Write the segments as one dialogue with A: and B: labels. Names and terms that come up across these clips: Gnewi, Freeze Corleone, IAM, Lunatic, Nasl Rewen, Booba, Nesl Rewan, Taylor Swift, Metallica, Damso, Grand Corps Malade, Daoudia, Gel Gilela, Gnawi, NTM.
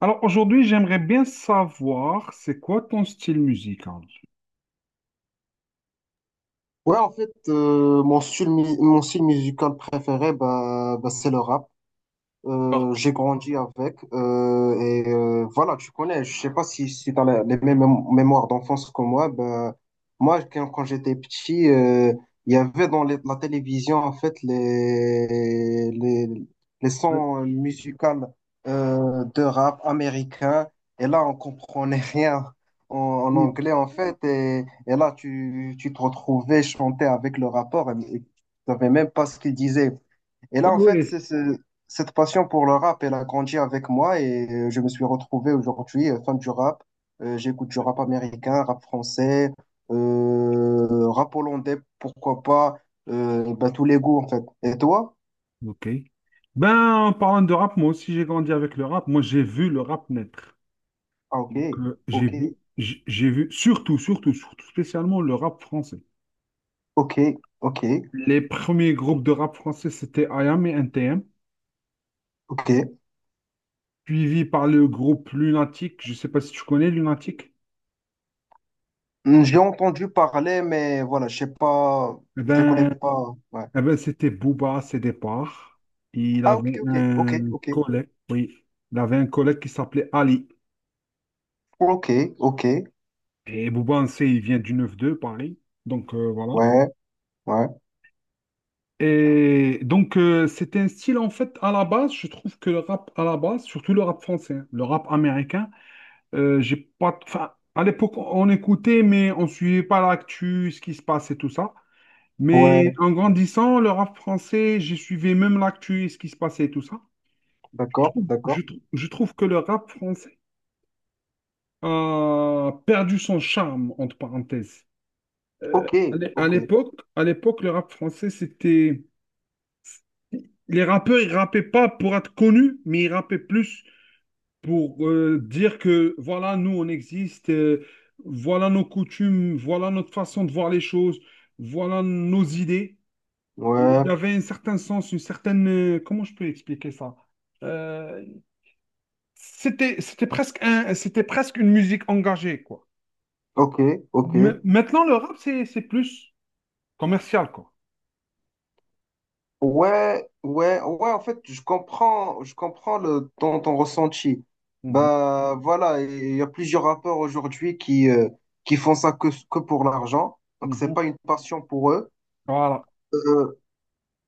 A: Alors aujourd'hui, j'aimerais bien savoir c'est quoi ton style musical.
B: Ouais, en fait, mon style musical préféré, bah, bah, c'est le rap. J'ai grandi avec et voilà, tu connais, je sais pas si tu as les mêmes mémoires d'enfance que moi. Ben, moi, quand j'étais petit, il y avait dans la télévision en fait les
A: Oui,
B: sons musicaux de rap américain et là, on comprenait rien en
A: oui,
B: anglais en fait. Et là, tu te retrouvais chanter avec le rapport et tu savais même pas ce qu'il disait. Et là, en fait,
A: oui.
B: cette passion pour le rap, elle a grandi avec moi et je me suis retrouvé aujourd'hui fan du rap. J'écoute du rap américain, rap français, rap hollandais, pourquoi pas, ben, tous les goûts en fait. Et toi?
A: Ok. Ben, en parlant de rap, moi aussi j'ai grandi avec le rap. Moi j'ai vu le rap naître.
B: Ah, ok,
A: Donc, j'ai
B: ok,
A: vu, j'ai vu surtout, surtout, surtout, spécialement le rap français.
B: ok, ok,
A: Les premiers groupes de rap français, c'était IAM et NTM,
B: ok.
A: suivi par le groupe Lunatic. Je sais pas si tu connais Lunatic.
B: Hmm, je l'ai entendu parler, mais voilà, je sais pas,
A: Eh
B: je les connais
A: ben,
B: pas. Ouais.
A: eh ben, c'était Booba à ses départs. Il
B: Ah, ok,
A: avait
B: ok, ok,
A: un
B: ok,
A: collègue, oui. Il avait un collègue qui s'appelait Ali.
B: ok, ok,
A: Et Booba, on sait, il vient du 9-2, Paris. Donc, voilà.
B: ouais, ouais,
A: Et donc, c'était un style, en fait, à la base, je trouve que le rap, à la base, surtout le rap français, hein, le rap américain, j'ai pas... Enfin, à l'époque, on écoutait, mais on suivait pas l'actu, ce qui se passe et tout ça. Mais
B: ouais,
A: en grandissant, le rap français, j'ai suivi même l'actu et ce qui se passait et tout ça. Je
B: d'accord,
A: trouve,
B: d'accord.
A: je trouve que le rap français a perdu son charme, entre parenthèses.
B: Ok,
A: À
B: ok,
A: l'époque, à l'époque, le rap français, c'était... Les rappeurs, ils rappaient pas pour être connus, mais ils rappaient plus pour dire que, voilà, nous, on existe, voilà nos coutumes, voilà notre façon de voir les choses, voilà nos idées. Il
B: ouais,
A: y avait un certain sens, une certaine... comment je peux expliquer ça? Euh, c'était presque un, c'était presque une musique engagée, quoi.
B: ok, ok.
A: Maintenant, le rap, c'est plus commercial, quoi.
B: Ouais, ouais, ouais, en fait, je comprends, ton ressenti.
A: Mhm,
B: Bah, voilà, il y a plusieurs rappeurs aujourd'hui qui font ça que pour l'argent. Donc, c'est
A: mhm.
B: pas une passion pour eux.
A: Voilà.
B: Euh,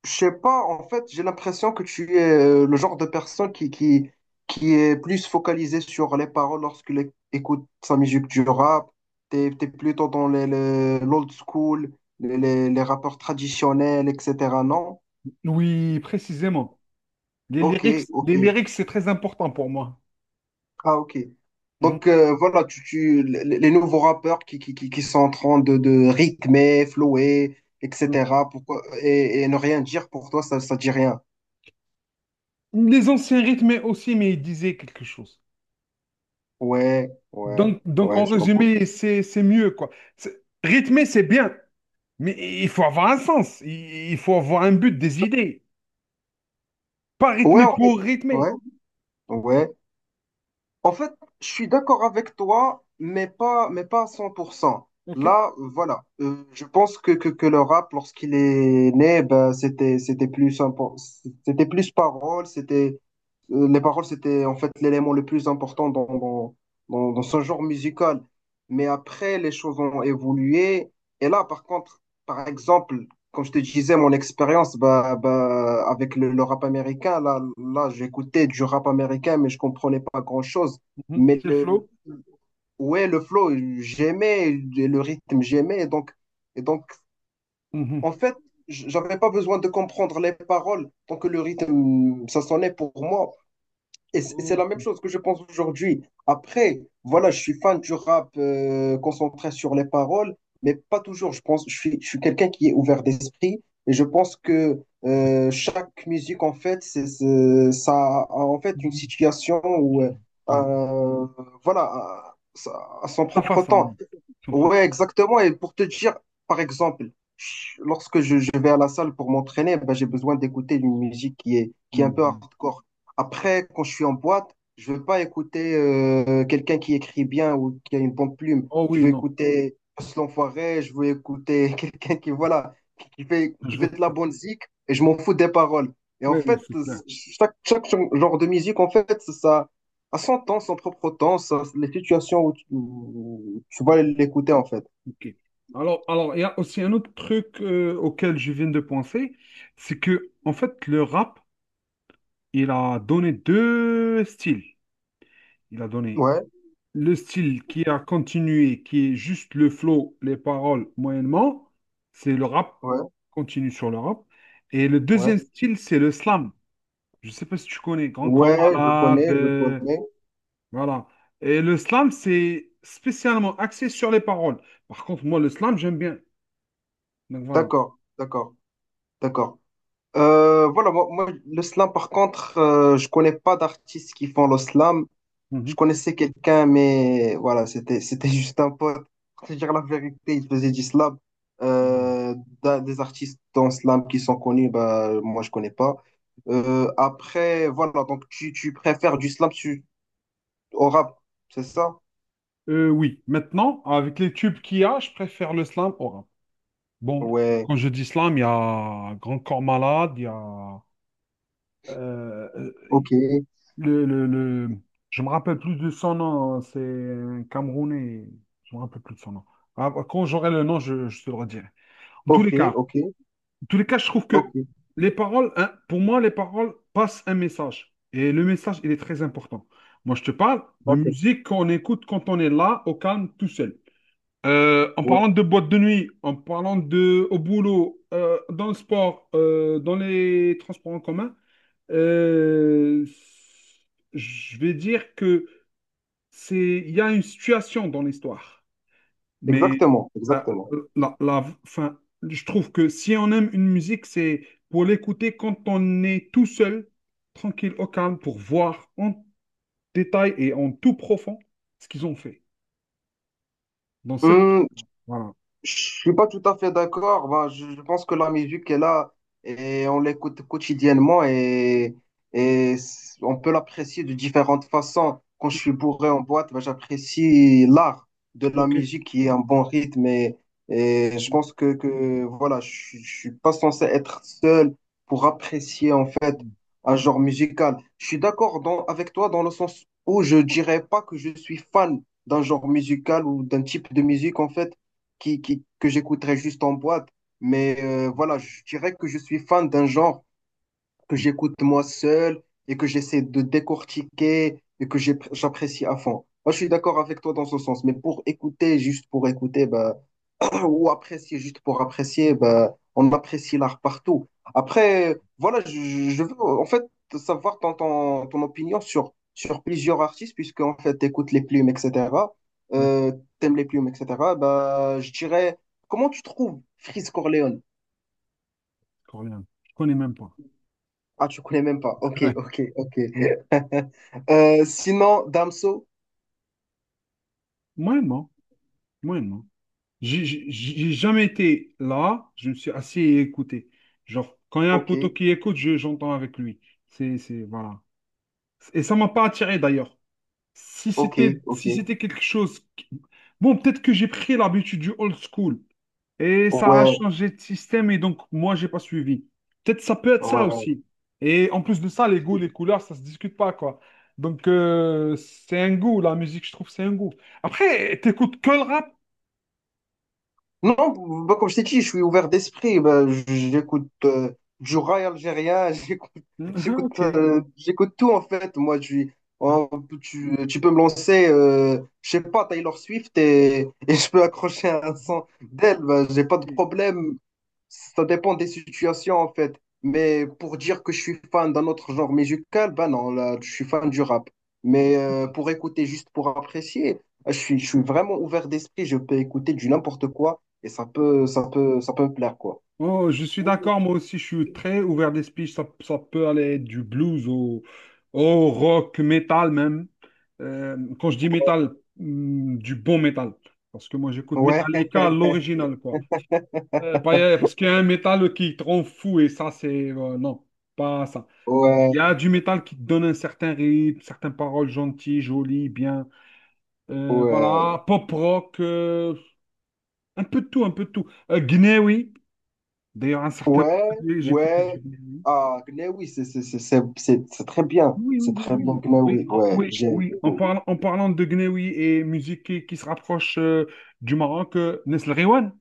B: Je sais pas, en fait, j'ai l'impression que tu es le genre de personne qui est plus focalisée sur les paroles lorsqu'il écoute sa musique du rap. T'es plutôt dans l'old school, les rappeurs traditionnels, etc. Non?
A: Oui, précisément.
B: Ok, ok.
A: Les lyrics, c'est très important pour moi.
B: Ah, ok.
A: Mhm,
B: Donc, voilà, les nouveaux rappeurs qui sont en train de rythmer, flower, etc. Pourquoi, et ne rien dire pour toi, ça dit rien.
A: mhm. Les anciens rythmes aussi, mais ils disaient quelque chose.
B: Ouais, ouais,
A: Donc en
B: ouais, je comprends.
A: résumé, c'est mieux, quoi. C'est- Rythmer, c'est bien, mais il faut avoir un sens. Il faut avoir un but, des idées. Pas
B: Ouais,
A: rythmer
B: en fait,
A: pour
B: ouais,
A: rythmer.
B: ouais. En fait, je suis d'accord avec toi, mais pas à 100%.
A: OK?
B: Là, voilà. Je pense que le rap, lorsqu'il est né, ben, c'était plus, c'était plus parole, les paroles, c'était en fait l'élément le plus important dans ce genre musical. Mais après, les choses ont évolué. Et là, par contre, par exemple, comme je te disais, mon expérience bah, bah, avec le rap américain, là j'écoutais du rap américain, mais je comprenais pas grand-chose.
A: Mhm,
B: Mais
A: c'est le
B: le,
A: flow.
B: ouais, le flow, j'aimais, le rythme, j'aimais. Et donc,
A: Mhm.
B: en fait, j'avais pas besoin de comprendre les paroles tant que le rythme, ça sonnait pour moi. Et c'est la même
A: OK.
B: chose que je pense aujourd'hui. Après, voilà, je suis fan du rap concentré sur les paroles, mais pas toujours. Je pense, je suis quelqu'un qui est ouvert d'esprit et je pense que chaque musique, en fait, ça a en fait une
A: Mhm,
B: situation ou
A: mhm, mhm.
B: un- voilà, à son
A: Sa
B: propre
A: façon,
B: temps.
A: oui. Son propre.
B: Ouais, exactement. Et pour te dire, par exemple, lorsque je vais à la salle pour m'entraîner, ben, j'ai besoin d'écouter une musique qui est un peu
A: Mhm.
B: hardcore. Après, quand je suis en boîte, je veux pas écouter quelqu'un qui écrit bien ou qui a une bonne plume.
A: Oh
B: Je
A: oui,
B: veux
A: non,
B: écouter Post l'Enfoiré, je veux écouter quelqu'un qui, voilà, qui
A: je
B: fait de la
A: vois.
B: bonne zik et je m'en fous des paroles. Et en
A: Oui, oui,
B: fait,
A: c'est clair.
B: chaque genre de musique, en fait, ça, à son temps, son propre temps, les situations où tu vas l'écouter en fait.
A: Ok. Alors, il y a aussi un autre truc auquel je viens de penser, c'est que, en fait, le rap, il a donné deux styles. Il a donné
B: Ouais,
A: le style qui a continué, qui est juste le flow, les paroles, moyennement. C'est le rap,
B: ouais,
A: continue sur le rap. Et le deuxième
B: ouais.
A: style, c'est le slam. Je ne sais pas si tu connais Grand Corps
B: Ouais, je
A: Malade.
B: connais, je connais.
A: Voilà. Et le slam, c'est spécialement axé sur les paroles. Par contre, moi, le slam, j'aime bien. Donc voilà.
B: D'accord, d'accord, d'accord. Voilà, moi, le slam, par contre, je connais pas d'artistes qui font le slam. Je
A: Mhm.
B: connaissais quelqu'un, mais voilà, c'était juste un pote. Pour te dire la vérité, il faisait du slam.
A: Mhm.
B: Euh, d'un- des artistes dans slam qui sont connus, bah, moi, je connais pas. Après, voilà, donc tu préfères du slam, au rap, c'est ça?
A: Oui, maintenant, avec les tubes qu'il y a, je préfère le slam au rap. Bon,
B: Ouais,
A: quand je dis slam, il y a Grand Corps Malade, il y a euh, euh,
B: ok,
A: le, le, le- Je me rappelle plus de son nom, hein, c'est un Camerounais. Je me rappelle plus de son nom. Ah, quand j'aurai le nom, je te le redirai. En tous
B: ok,
A: les cas,
B: ok,
A: en tous les cas, je trouve
B: ok,
A: que les paroles, hein, pour moi, les paroles passent un message. Et le message, il est très important. Moi, je te parle de
B: d'accord.
A: musique qu'on écoute quand on est là, au calme, tout seul. En
B: Ouais,
A: parlant de boîte de nuit, en parlant de au boulot, dans le sport, dans les transports en commun, euh, je vais dire que c'est, il y a une situation dans l'histoire. Mais
B: exactement,
A: la,
B: exactement.
A: la, enfin, je trouve que si on aime une musique, c'est pour l'écouter quand on est tout seul, tranquille, au calme, pour voir en détail et en tout profond ce qu'ils ont fait dans cette
B: Hmm,
A: musique-là. Voilà.
B: Je suis pas tout à fait d'accord. Ben, je pense que la musique est là et on l'écoute quotidiennement on peut l'apprécier de différentes façons. Quand je suis bourré en boîte, ben, j'apprécie l'art de la
A: OK.
B: musique qui est un bon rythme et je pense que voilà, je suis pas censé être seul pour apprécier en fait
A: Mm.
B: un genre musical. Je suis d'accord avec toi dans le sens où je dirais pas que je suis fan d'un genre musical ou d'un type de musique en fait que j'écouterais juste en boîte. Mais voilà, je dirais que je suis fan d'un genre que j'écoute moi seul et que j'essaie de décortiquer et j'apprécie à fond. Moi, je suis d'accord avec toi dans ce sens, mais pour écouter, juste pour écouter, bah, ou apprécier juste pour apprécier, ben, on apprécie l'art partout. Après, voilà, je veux en fait savoir ton opinion sur plusieurs artistes, puisque en fait, t'écoutes les plumes, etc.
A: Oui,
B: Euh, T'aimes les plumes, etc. Ben, je dirais, comment tu trouves Freeze Corleone?
A: coréen. Je connais même pas.
B: Ah, tu connais même pas. Ok,
A: Ouais.
B: ok, ok. Sinon, Damso,
A: Moyennement, moyennement. J'ai jamais été là, je me suis assis et écouté. Genre, quand il y a un
B: ok,
A: poteau qui écoute, j'entends avec lui. C'est, voilà. Et ça m'a pas attiré d'ailleurs. Si
B: ok,
A: c'était
B: ok.
A: si c'était quelque chose. Qui- Bon, peut-être que j'ai pris l'habitude du old school et ça a
B: Ouais,
A: changé de système et donc moi, j'ai pas suivi. Peut-être ça peut être ça
B: ouais.
A: aussi. Et en plus de ça, les goûts, les couleurs, ça se discute pas, quoi. Donc, c'est un goût, la musique, je trouve, c'est un goût. Après, t'écoutes que le rap?
B: Non, bah, comme je t'ai dit, je suis ouvert d'esprit. Bah, j'écoute du rail algérien, j'écoute,
A: Mhm, ok.
B: j'écoute tout en fait. Moi, je suis- en- tu peux me lancer, je sais pas, Taylor Swift et je peux accrocher un son d'elle. Bah, j'ai pas de
A: Ok.
B: problème. Ça dépend des situations en fait. Mais pour dire que je suis fan d'un autre genre musical, bah non, là, je suis fan du rap. Mais
A: Ok.
B: pour écouter, juste pour apprécier, je suis vraiment ouvert d'esprit. Je peux écouter du n'importe quoi et ça peut plaire, quoi.
A: Oh, je suis d'accord, moi aussi, je suis très ouvert d'esprit. Ça peut aller du blues au, au rock, métal même. Quand je dis métal, hmm, du bon métal. Parce que moi, j'écoute
B: Ouais,
A: Metallica, l'original, quoi. Parce qu'il y a un métal qui te rend fou et ça, c'est... non, pas ça.
B: ouais,
A: Il y a du métal qui te donne un certain rythme, certaines paroles gentilles, jolies, bien.
B: ouais,
A: Voilà, pop rock, un peu de tout, un peu de tout. Gnewi, d'ailleurs, un certain...
B: ouais,
A: J'écoute du
B: ouais.
A: Gnewi.
B: Ah, Gnawi, c'est très bien.
A: Oui, oui,
B: C'est
A: oui,
B: très
A: oui,
B: bien, Gnawi. Ouais,
A: oui,
B: j'aime
A: oui.
B: beaucoup.
A: En parlant de Gnewi et musique qui se rapproche du Maroc, Nesl Rewan.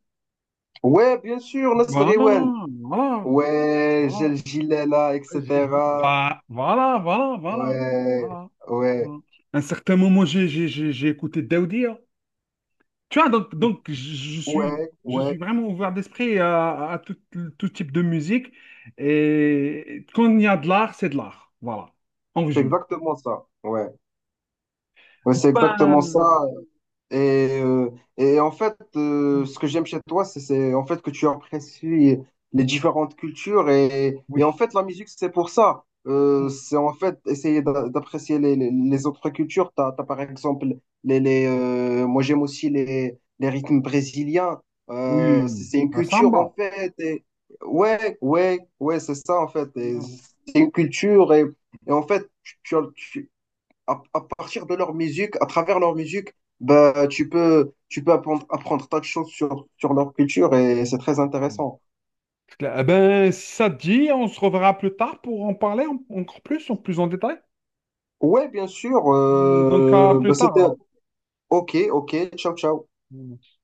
B: Ouais, bien sûr, Nasl
A: Voilà,
B: Rewen.
A: voilà,
B: Ouais,
A: voilà.
B: Gel Gilela,
A: J'ai-
B: etc.
A: bah, voilà, voilà, voilà,
B: Ouais,
A: voilà.
B: ouais,
A: Voilà. À un certain moment, j'ai écouté Daoudia. Tu vois, donc je suis,
B: ouais,
A: je suis
B: ouais.
A: vraiment ouvert d'esprit à tout, tout type de musique. Et quand il y a de l'art, c'est de l'art. Voilà, en
B: C'est
A: résumé.
B: exactement ça. Ouais, ouais,
A: Bon,
B: c'est exactement ça.
A: ben,
B: Et, euh, et en fait, ce que j'aime chez toi, c'est en fait que tu apprécies les différentes cultures. Et en
A: oui.
B: fait, la musique, c'est pour ça. C'est en fait essayer d'apprécier les autres cultures. T'as par exemple, moi j'aime aussi les rythmes brésiliens. Euh, c'est
A: Oui,
B: c'est une
A: la
B: culture en
A: samba.
B: fait. Et, ouais, ouais, ouais, c'est ça en fait. Et
A: Mm.
B: C'est une culture. Et en fait, à partir de leur musique, à travers leur musique, bah, tu peux apprendre, tas de choses sur leur culture et c'est très intéressant.
A: Eh ben, si ça te dit, on se reverra plus tard pour en parler encore plus, en plus en détail.
B: Ouais, bien sûr,
A: Allez, donc, à
B: bah,
A: plus tard
B: c'était
A: alors.
B: OK, OK, ciao, ciao.
A: Mm.